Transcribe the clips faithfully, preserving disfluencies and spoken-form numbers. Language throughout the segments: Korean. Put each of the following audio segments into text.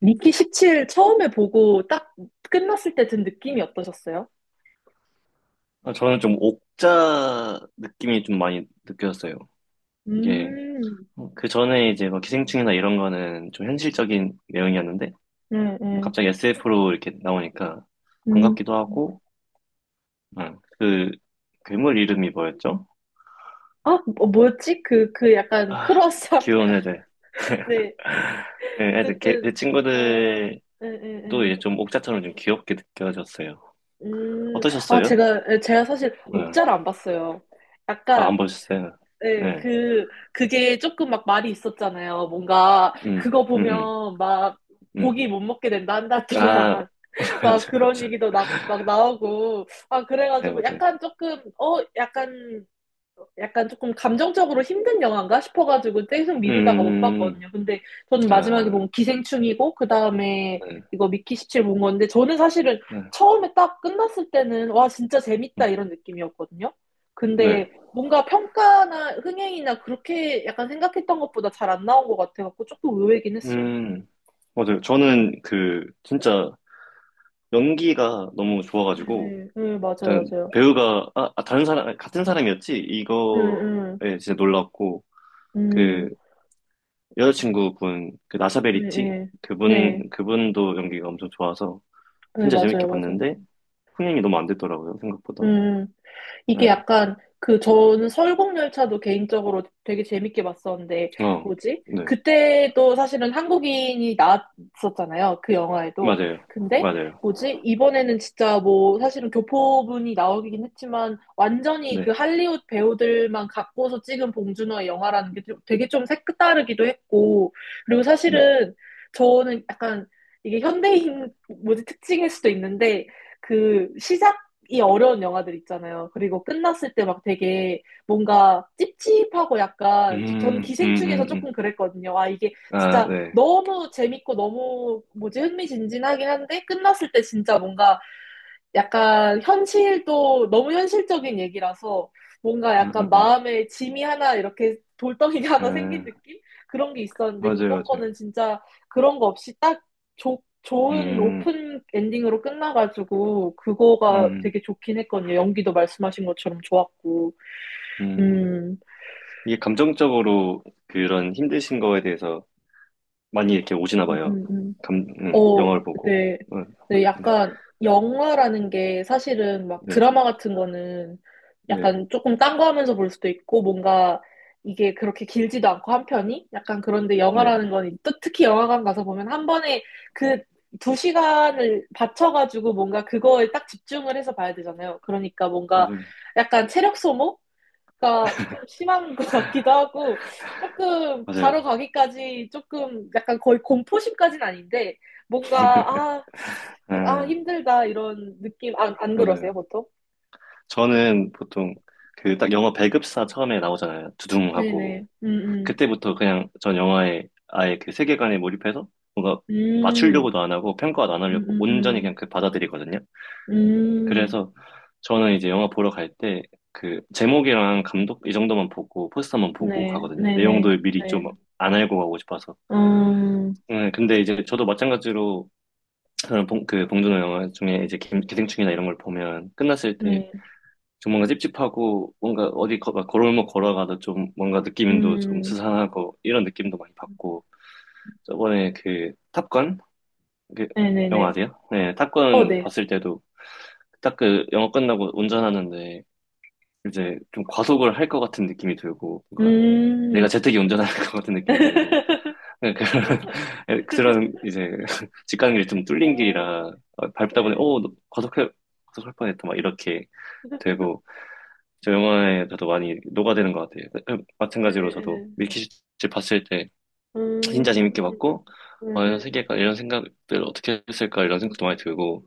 미키 십칠 처음에 보고 딱 끝났을 때 든 느낌이 어떠셨어요? 아, 저는 좀 옥자 느낌이 좀 많이 느껴졌어요. 이게 음, 그 전에 이제 뭐 기생충이나 이런 거는 좀 현실적인 내용이었는데 네, 뭐 네. 갑자기 에스에프로 이렇게 나오니까 음. 반갑기도 하고 응. 그 괴물 이름이 뭐였죠? 아, 뭐- 뭐였지? 그, 그 약간 아, 크로스업. 귀여운 애들. 네. 예, 애들 걔- 그 어쨌든, 아, 친구들도 네, 네, 네. 이제 좀 옥자처럼 좀 귀엽게 느껴졌어요. 음, 아, 어떠셨어요? 제가, 예, 제가 사실 응. 옥자를 안 봤어요. 아, 약간, 안 보셨어요? 예, 네. 그, 그게 조금 막 말이 있었잖아요. 뭔가, 음, 그거 음, 음, 보면 막 음. 고기 못 먹게 된다, 한 달 아, 동안. 막 맞아, 그런 맞아. 얘기도 나, 막 나오고. 아, 네, 그래가지고 맞아요. 약간 조금, 어, 약간, 약간 조금 감정적으로 힘든 영화인가 싶어가지고 계속 음, 미루다가 못 음, 음, 봤거든요. 근데 저는 음. 마지막에 아, 본 기생충이고, 그 다음에 네, 이거 미키 십칠 본 건데, 저는 사실은 네, 처음에 딱 끝났을 때는, 와, 진짜 재밌다 음, 이런 느낌이었거든요. 네. 근데 뭔가 평가나 흥행이나 그렇게 약간 생각했던 것보다 잘 안 나온 것 같아가지고 조금 의외긴 했어요. 음, 맞아요. 저는 그, 진짜 연기가 너무 네, 좋아가지고, 네, 네, 맞아요, 일단 맞아요. 배우가, 아, 아, 다른 사람, 같은 사람이었지? 음, 음, 이거에 진짜 놀랐고, 그, 음. 여자친구분, 그, 네, 나샤베리티? 네, 네, 그분, 그분도 연기가 엄청 좋아서, 네, 진짜 재밌게 맞아요, 맞아요. 봤는데, 흥행이 너무 안 됐더라고요, 생각보다. 음, 이게 네, 약간 그 저는 설국열차도 개인적으로 되게 재밌게 봤었는데 어, 뭐지? 네. 그때도 사실은 한국인이 나왔었잖아요. 그 영화에도. 맞아요. 근데 맞아요. 뭐지? 이번에는 진짜 뭐 사실은 교포분이 나오긴 했지만 완전히 그 네, 할리우드 배우들만 갖고서 찍은 봉준호의 영화라는 게 좀- 되게 좀 색다르기도 했고 그리고 네. 사실은 저는 약간 이게 현대인 뭐지 특징일 수도 있는데 그 시장 이 어려운 영화들 있잖아요. 그리고 끝났을 때 막 되게 뭔가 찝찝하고 약간 저- 저는 음, 음, 기생충에서 음, 조금 음. 그랬거든요. 아, 이게 아, 진짜 네. 너무 재밌고 너무 뭐지 흥미진진하긴 한데 끝났을 때 진짜 뭔가 약간 현실도 너무 현실적인 얘기라서 뭔가 음, 음, 약간 음. 마음에 짐이 하나 이렇게 돌덩이가 하나 생긴 에, 느낌? 그런 게 있었는데 맞아요, 이번 맞아요. 거는 진짜 그런 거 없이 딱 좋 좋은 음, 오픈 엔딩으로 끝나가지고 그거가 음, 되게 좋긴 했거든요. 연기도 말씀하신 것처럼 좋았고. 음. 음, 이게 감정적으로 그런 힘드신 거에 대해서 많이 이렇게 오시나 음, 봐요. 음, 음. 감, 음, 어, 영화를 보고. 네. 어, 네, 네, 약간 영화라는 게 사실은 막 네, 드라마 같은 거는 네, 약간 조금 딴 거 하면서 볼 수도 있고 뭔가 이게 그렇게 길지도 않고 한 편이 약간 그런데 네. 영화라는 건 또 특히 영화관 가서 보면 한 번에 그 두 시간을 바쳐가지고 뭔가 그거에 딱 집중을 해서 봐야 되잖아요. 그러니까 뭔가 맞아요, 약간 체력 소모? 그러니까 좀 심한 것 같기도 하고 조금 맞아요. 가러 가기까지 조금 약간 거의 공포심까지는 아닌데 뭔가 아, 아 아, 힘들다 이런 느낌 안, 안 그러세요 맞아요. 보통? 저는 보통 그 딱 영화 배급사 처음에 나오잖아요. 두둥하고. 네네 음, 음. 그때부터 그냥 전 영화에 아예 그 세계관에 몰입해서 뭔가 음, 맞추려고도 안 하고 평가도 안 하려고 음, 온전히 그냥 음, 그 받아들이거든요. 음. 음. 그래서 저는 이제 영화 보러 갈 때 그 제목이랑 감독 이 정도만 보고 포스터만 보고 네, 가거든요. 네네 내용도 미리 네. 좀 안 알고 가고 싶어서. 음, 네, 근데 이제 저도 마찬가지로 저는 봉, 그 봉준호 영화 중에 이제 기, 기생충이나 이런 걸 보면 끝났을 때 네. 좀 뭔가 찝찝하고 뭔가 어디 거, 막 걸어올목 걸어가도 좀 뭔가 느낌도 좀 음. 스산하고 이런 느낌도 많이 받고 저번에 그 탑건 그 영화 네네네 아세요? 네, 어, 탑건 네. 봤을 때도 딱 그 영화 끝나고 운전하는데 이제 좀 과속을 할 것 같은 느낌이 들고, 뭔가 내가 음. 제트기 운전할 것 같은 느낌이 들고, 그런, 그런 이제 집 가는 길이 좀 뚫린 아, 길이라 어, 밟다 보니, 네. 어, 너 과속해, 과속할 뻔했다, 막 이렇게 되고, 저 영화에 저도 많이 녹아드는 것 같아요. 그- 음, 네, 마찬가지로 저도 네. 밀키트 봤을 때 진짜 음, 재밌게 봤고, 음, 어, 이런 음. 세계가, 이런 생각들 어떻게 했을까, 이런 음. 생각도 많이 들고,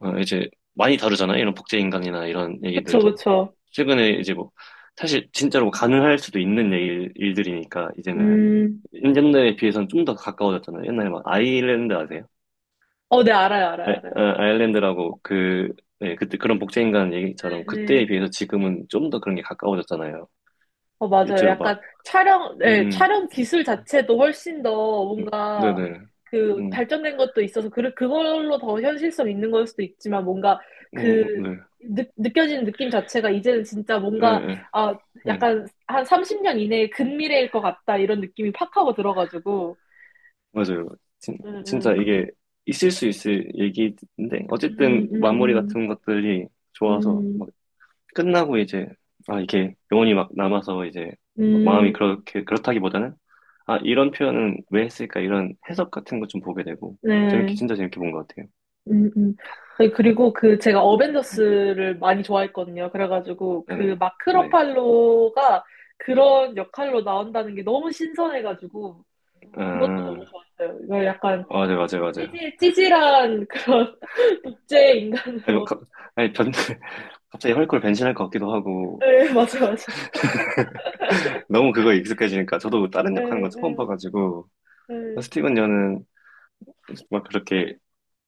어, 이제 많이 다루잖아요. 이런 복제인간이나 이런 그쵸, 얘기들도. 그쵸. 최근에 이제 뭐, 사실 진짜로 가능할 수도 있는 일, 일들이니까, 이제는. 음, 옛날에 비해서는 좀 더 가까워졌잖아요. 옛날에 막 아일랜드 아세요? 어, 네, 알아요, 알아요, 아, 알아요. 아, 아일랜드라고 그, 네, 그때 그런 복제인간 네, 얘기처럼 그때에 네. 비해서 지금은 좀 더 그런 게 가까워졌잖아요. 어, 맞아요. 실제로 막, 약간 촬영, 음, 네, 음, 촬영 기술 자체도 훨씬 더 음, 뭔가 네네. 그 음, 발전된 것도 있어서 그, 그걸로 더 현실성 있는 걸 수도 있지만 뭔가 그 음, 음, 네, 느, 느껴지는 느낌 자체가 이제는 진짜 예, 뭔가 예, 아, 예. 약간 한 삼십 년 이내의 근미래일 것 같다 이런 느낌이 팍 하고 들어가지고. 맞아요. 진, 음, 진짜 음, 이게 있을 수 있을 얘기인데, 어쨌든 음, 마무리 음, 같은 것들이 좋아서, 음, 막 끝나고 이제, 아, 이게 영혼이 막 남아서 이제, 막 음, 마음이 음. 그렇게, 그렇다기보다는, 아, 이런 표현은 왜 했을까, 이런 해석 같은 거 좀 보게 되고, 재밌게, 네. 진짜 재밌게 본 것 같아요. 음, 음. 아니, 음, 그리고 그 제가 음. 어벤져스를 많이 좋아했거든요. 그래가지고 아, 그 네, 마크 네. 러팔로가 그런 역할로 나온다는 게 너무 신선해가지고 그것도 너무 아, 좋았어요. 이거 약간 맞아요, 맞아요, 좀 맞아요. 찌질, 찌질한 그런 독재 아니, 뭐, 인간으로. 갑- 아니, 변, 갑자기 헐크로 변신할 것 같기도 하고, 네, 맞아, 맞아. 너무 그거에 익숙해지니까, 저도 다른 역할 하는 거 네, 처음 네, 봐가지고, 네. 스티븐 여는 막 그렇게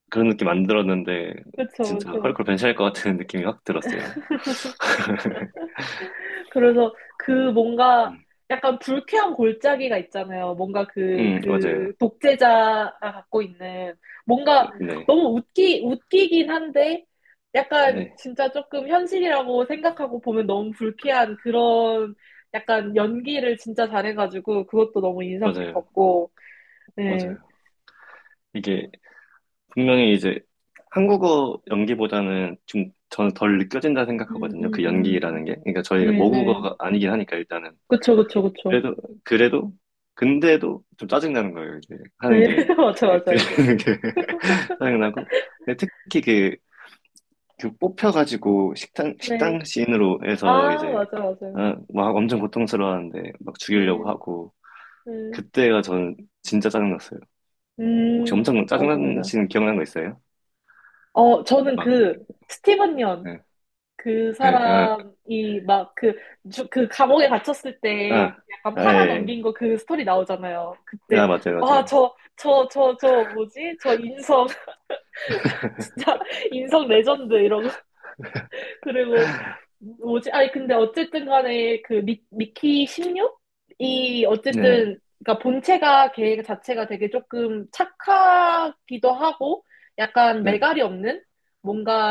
그런 느낌 안 들었는데 그쵸, 진짜 그쵸. 헐크 변신할 것 같은 느낌이 확 들었어요. 그래서 그 뭔가 음, 약간 불쾌한 골짜기가 있잖아요. 뭔가 그, 음, 맞아요. 그 독재자가 갖고 있는 뭔가 네, 너무 웃기, 웃기긴 한데 약간 네, 진짜 조금 현실이라고 생각하고 보면 너무 불쾌한 그런 약간 연기를 진짜 잘해가지고 그것도 너무 인상 맞아요, 깊었고. 네. 맞아요. 이게 분명히 이제 한국어 연기보다는 좀 저는 덜 느껴진다 음, 생각하거든요. 음, 그 음. 연기라는 게. 그러니까 저희가 네네. 모국어가 아니긴 하니까 일단은 그쵸, 그쵸, 그쵸. 그래도 그래도 근데도 좀 짜증 나는 거예요. 이제 하는 네. 게 맞아, 그게 맞아, 맞아. 들리는 게 짜증 나고. 근데 특히 그 그 뽑혀가지고 식당 네. 식당 씬으로 해서 아, 이제 맞아, 맞아요. 아, 막 엄청 고통스러워하는데 막 죽이려고 네. 하고 네. 그때가 저는 진짜 짜증났어요. 혹시 음, 엄청 맞아, 맞아. 짜증나시는 기억나는 거 있어요? 어, 저는 막 그, 스티븐 연, 예, 그 예, 아, 사람이 막 그, 주- 그 감옥에 갇혔을 때 아, 약간 아, 팔아 예, 넘긴 거 그 스토리 나오잖아요. 예. 아, 그때, 맞아요, 와, 맞아요. 저, 저, 저, 저, 뭐지? 저 인성, 진짜 인성 레전드. 그리고 뭐지? 아니 근데 어쨌든 간에 그 미, 미키 십육이 네, 어쨌든 그러니까 본체가 걔 자체가 되게 조금 착하기도 하고 약간 네, 매갈이 없는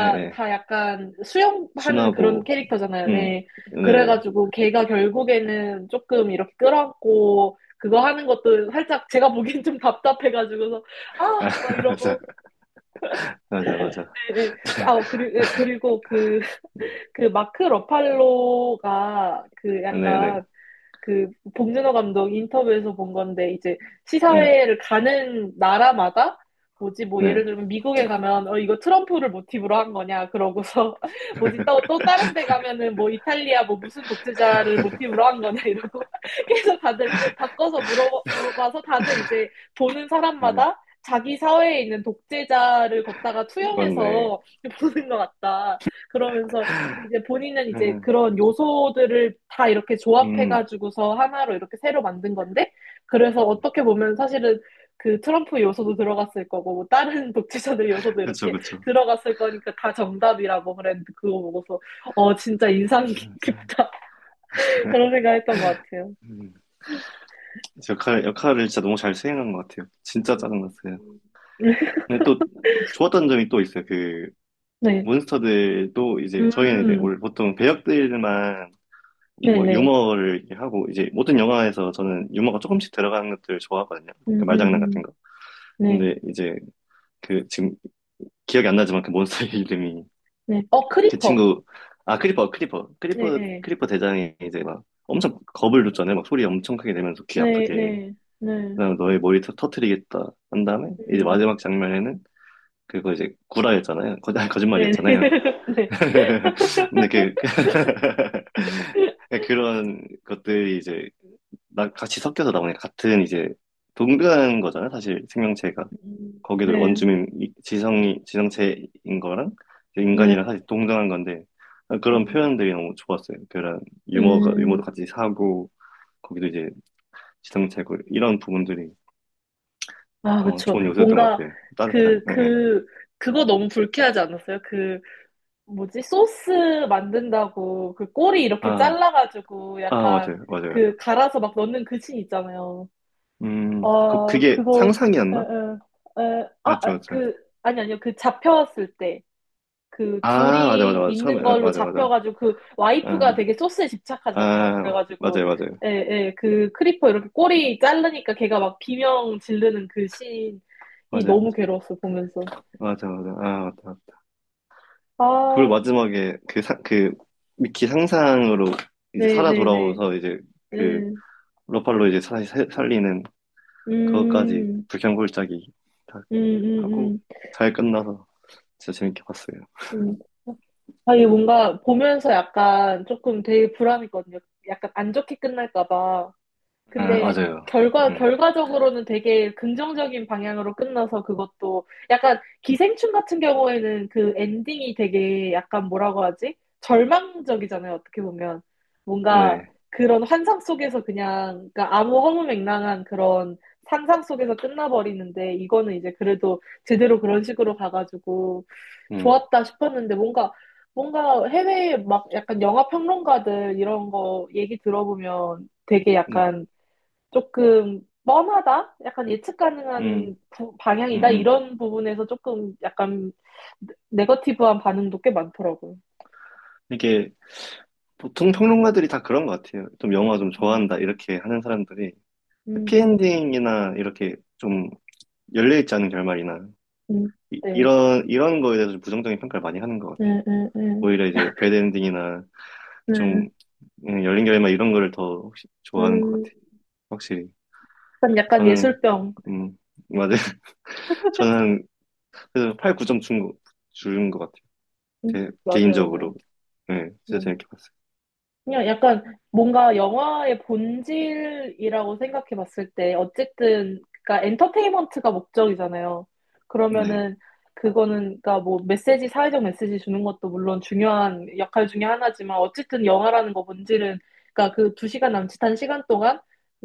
예, 예. 다 약간 수용하는 그런 순하고, 캐릭터잖아요. 음, 네. 네, 네. 그래가지고 걔가 결국에는 조금 이렇게 끌어안고 그거 하는 것도 살짝 제가 보기엔 좀 답답해가지고서 아 아, 막 맞아, 이러고 맞아, 맞아. 예, 예. 아, 그리고 그리고 그 그 마크 러팔로가 그 네, 네, 약간 그 봉준호 감독 인터뷰에서 본 건데 이제 네, 시사회를 가는 나라마다 뭐지 뭐 예를 네, 들면 미국에 가면 어 이거 트럼프를 모티브로 한 거냐 그러고서 뭐지 또 또 다른 데 가면은 뭐 이탈리아 뭐 무슨 독재자를 모티브로 한 거냐 이러고 계속 다들 바꿔서 물어봐서 다들 이제 보는 네. 사람마다 자기 사회에 있는 독재자를 걷다가 맞네. 투영해서 보는 것 같다 그러면서 근데 이제 본인은 이제 음, 그런 요소들을 다 이렇게 음. 조합해가지고서 하나로 이렇게 새로 만든 건데, 그래서 어떻게 보면 사실은 그 트럼프 요소도 들어갔을 거고, 뭐 다른 독재자들 요소도 그쵸, 이렇게 그쵸. 들어갔을 거니까 다 정답이라고 그랬는데, 그거 보고서, 어, 진짜 인상 깊다. 그런 생각 했던 것 같아요. 역할, 역할을 진짜 너무 잘 수행한 것 같아요. 진짜 짜증났어요. 근데 또 좋았던 점이 또 있어요. 그 네. 몬스터들도 이제 저희는 이제 음, 원래 보통 배역들만 유- 막 네네. 유머를 이렇게 하고 이제 모든 영화에서 저는 유머가 조금씩 들어가는 것들을 좋아하거든요. 그 음, 음, 말장난 같은 음. 거. 네, 근데 이제 그 지금 기억이 안 나지만 그 몬스터의 이름이 네. 어, 그 크리퍼. 친구 아 크리퍼 크리퍼 네, 크리퍼 네. 크리퍼 대장이 이제 막 엄청 겁을 줬잖아요. 막 소리 엄청 크게 내면서 귀 네, 아프게. 네. 네. 그다음 너의 머리 터, 터트리겠다 한 다음에 이제 음. 마지막 장면에는 그거 이제 구라였잖아요. 거, 아니, 네. 거짓말이었잖아요. 네. 근데 그 그런 것들이 이제 나 같이 섞여서 나오니까 같은 이제 동그란 거잖아요. 사실 생명체가 음, 거기도 네. 원주민 이- 지성이 지성체인 거랑 네. 인간이랑 사실 동등한 건데 그런 음. 표현들이 너무 좋았어요. 그런 유머가 유머도 음. 같이 사고 거기도 이제 지성체고 이런 부분들이 아, 어, 그쵸. 좋은 요소였던 것 뭔가 같아요. 따뜻한, 그, 예. 예. 그, 그거 너무 불쾌하지 않았어요? 그, 뭐지? 소스 만든다고 그 꼬리 이렇게 아, 잘라가지고 아, 약간 맞아요, 그 맞아요. 갈아서 막 넣는 그 씬 있잖아요. 음, 그, 아, 그게 그거, 에, 상상이었나? 에, 에, 아, 맞죠, 아, 맞죠. 그, 아니, 아니요. 그 잡혔을 때. 그 아, 맞아, 맞아, 둘이 맞아. 처음에, 있는 아, 걸로 맞아, 맞아. 잡혀가지고 그 아, 와이프가 되게 소스에 집착하잖아요. 아, 그래가지고 맞아요, 맞아요. 예, 예, 그 크리퍼 이렇게 꼬리 자르니까 걔가 막 비명 지르는 그 씬이 맞아요, 너무 맞아요. 괴로웠어 보면서. 맞아, 맞아. 아, 맞다. 그걸 아, 마지막에 그 사, 그, 미키 상상으로 이제 네, 살아 네, 네. 돌아오서 이제 그, 음, 로팔로 이제 다시 살- 살리는 그것까지 음, 불경골짜기 다 음, 하고 음, 잘 끝나서 진짜 재밌게 봤어요. 음. 음. 아, 이게 뭔가 보면서 약간 조금 되게 불안했거든요. 약간 안 좋게 끝날까 봐. 아, 근데 맞아요. 결과, 음, 결과적으로는 되게 긍정적인 방향으로 끝나서 그것도 약간 기생충 같은 경우에는 그 엔딩이 되게 약간 뭐라고 하지? 절망적이잖아요, 어떻게 보면. 뭔가 네. 그런 환상 속에서 그냥, 그러니까 아무 허무맹랑한 그런 상상 속에서 끝나버리는데 이거는 이제 그래도 제대로 그런 식으로 가가지고 음. 좋았다 싶었는데 뭔가 뭔가 해외에 막 약간 영화 평론가들 이런 거 얘기 들어보면 되게 네. 약간 조금 뻔하다? 약간 예측 음, 가능한 부- 음, 방향이다? 음. 이런 부분에서 조금 약간 네- 네거티브한 반응도 꽤 많더라고요. 이게 보통 평론가들이 다 그런 것 같아요. 좀 영화 좀 좋아한다, 음, 이렇게 하는 사람들이 음, 음, 해피엔딩이나 이렇게 좀 열려있지 않은 결말이나 음, 이, 네. 런 이런 거에 대해서 좀 부정적인 평가를 많이 하는 것 같아요. 네, 네, 네. 오히려 이제 배드엔딩이나 좀 네. 음, 열린 결말 이런 거를 더 혹시 좋아하는 것 음, 같아요. 확실히. 약간 약간 저는, 예술병. 음, 맞아요. 저는 그래서 팔, 구 점 준 거, 준것 같아요. 음, 제, 맞아요, 맞아요. 개인적으로. 네, 진짜 재밌게 봤어요. 그냥 약간 뭔가 영화의 본질이라고 생각해 봤을 때 어쨌든 그러니까 엔터테인먼트가 목적이잖아요. 네. 그러면은 그거는 그러니까 뭐 메시지 사회적 메시지 주는 것도 물론 중요한 역할 중에 하나지만 어쨌든 영화라는 거 본질은 그러니까 그 두 시간 남짓한 시간 동안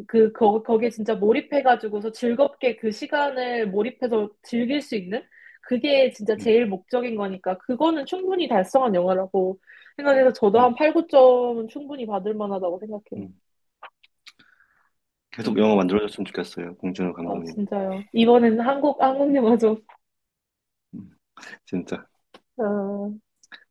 그 거, 거기에 진짜 몰입해 가지고서 즐겁게 그 시간을 몰입해서 즐길 수 있는 그게 진짜 음, 제일 목적인 거니까 그거는 충분히 달성한 영화라고 생각해서 저도 한 음, 팔, 구 점은 충분히 받을 만하다고 생각해요. 음. 계속 음, 영화 만들어줬으면 좋겠어요. 봉준호 아, 감독님. 진짜요. 이번에는 한국, 한국 영화 좀, 음, 진짜. 아,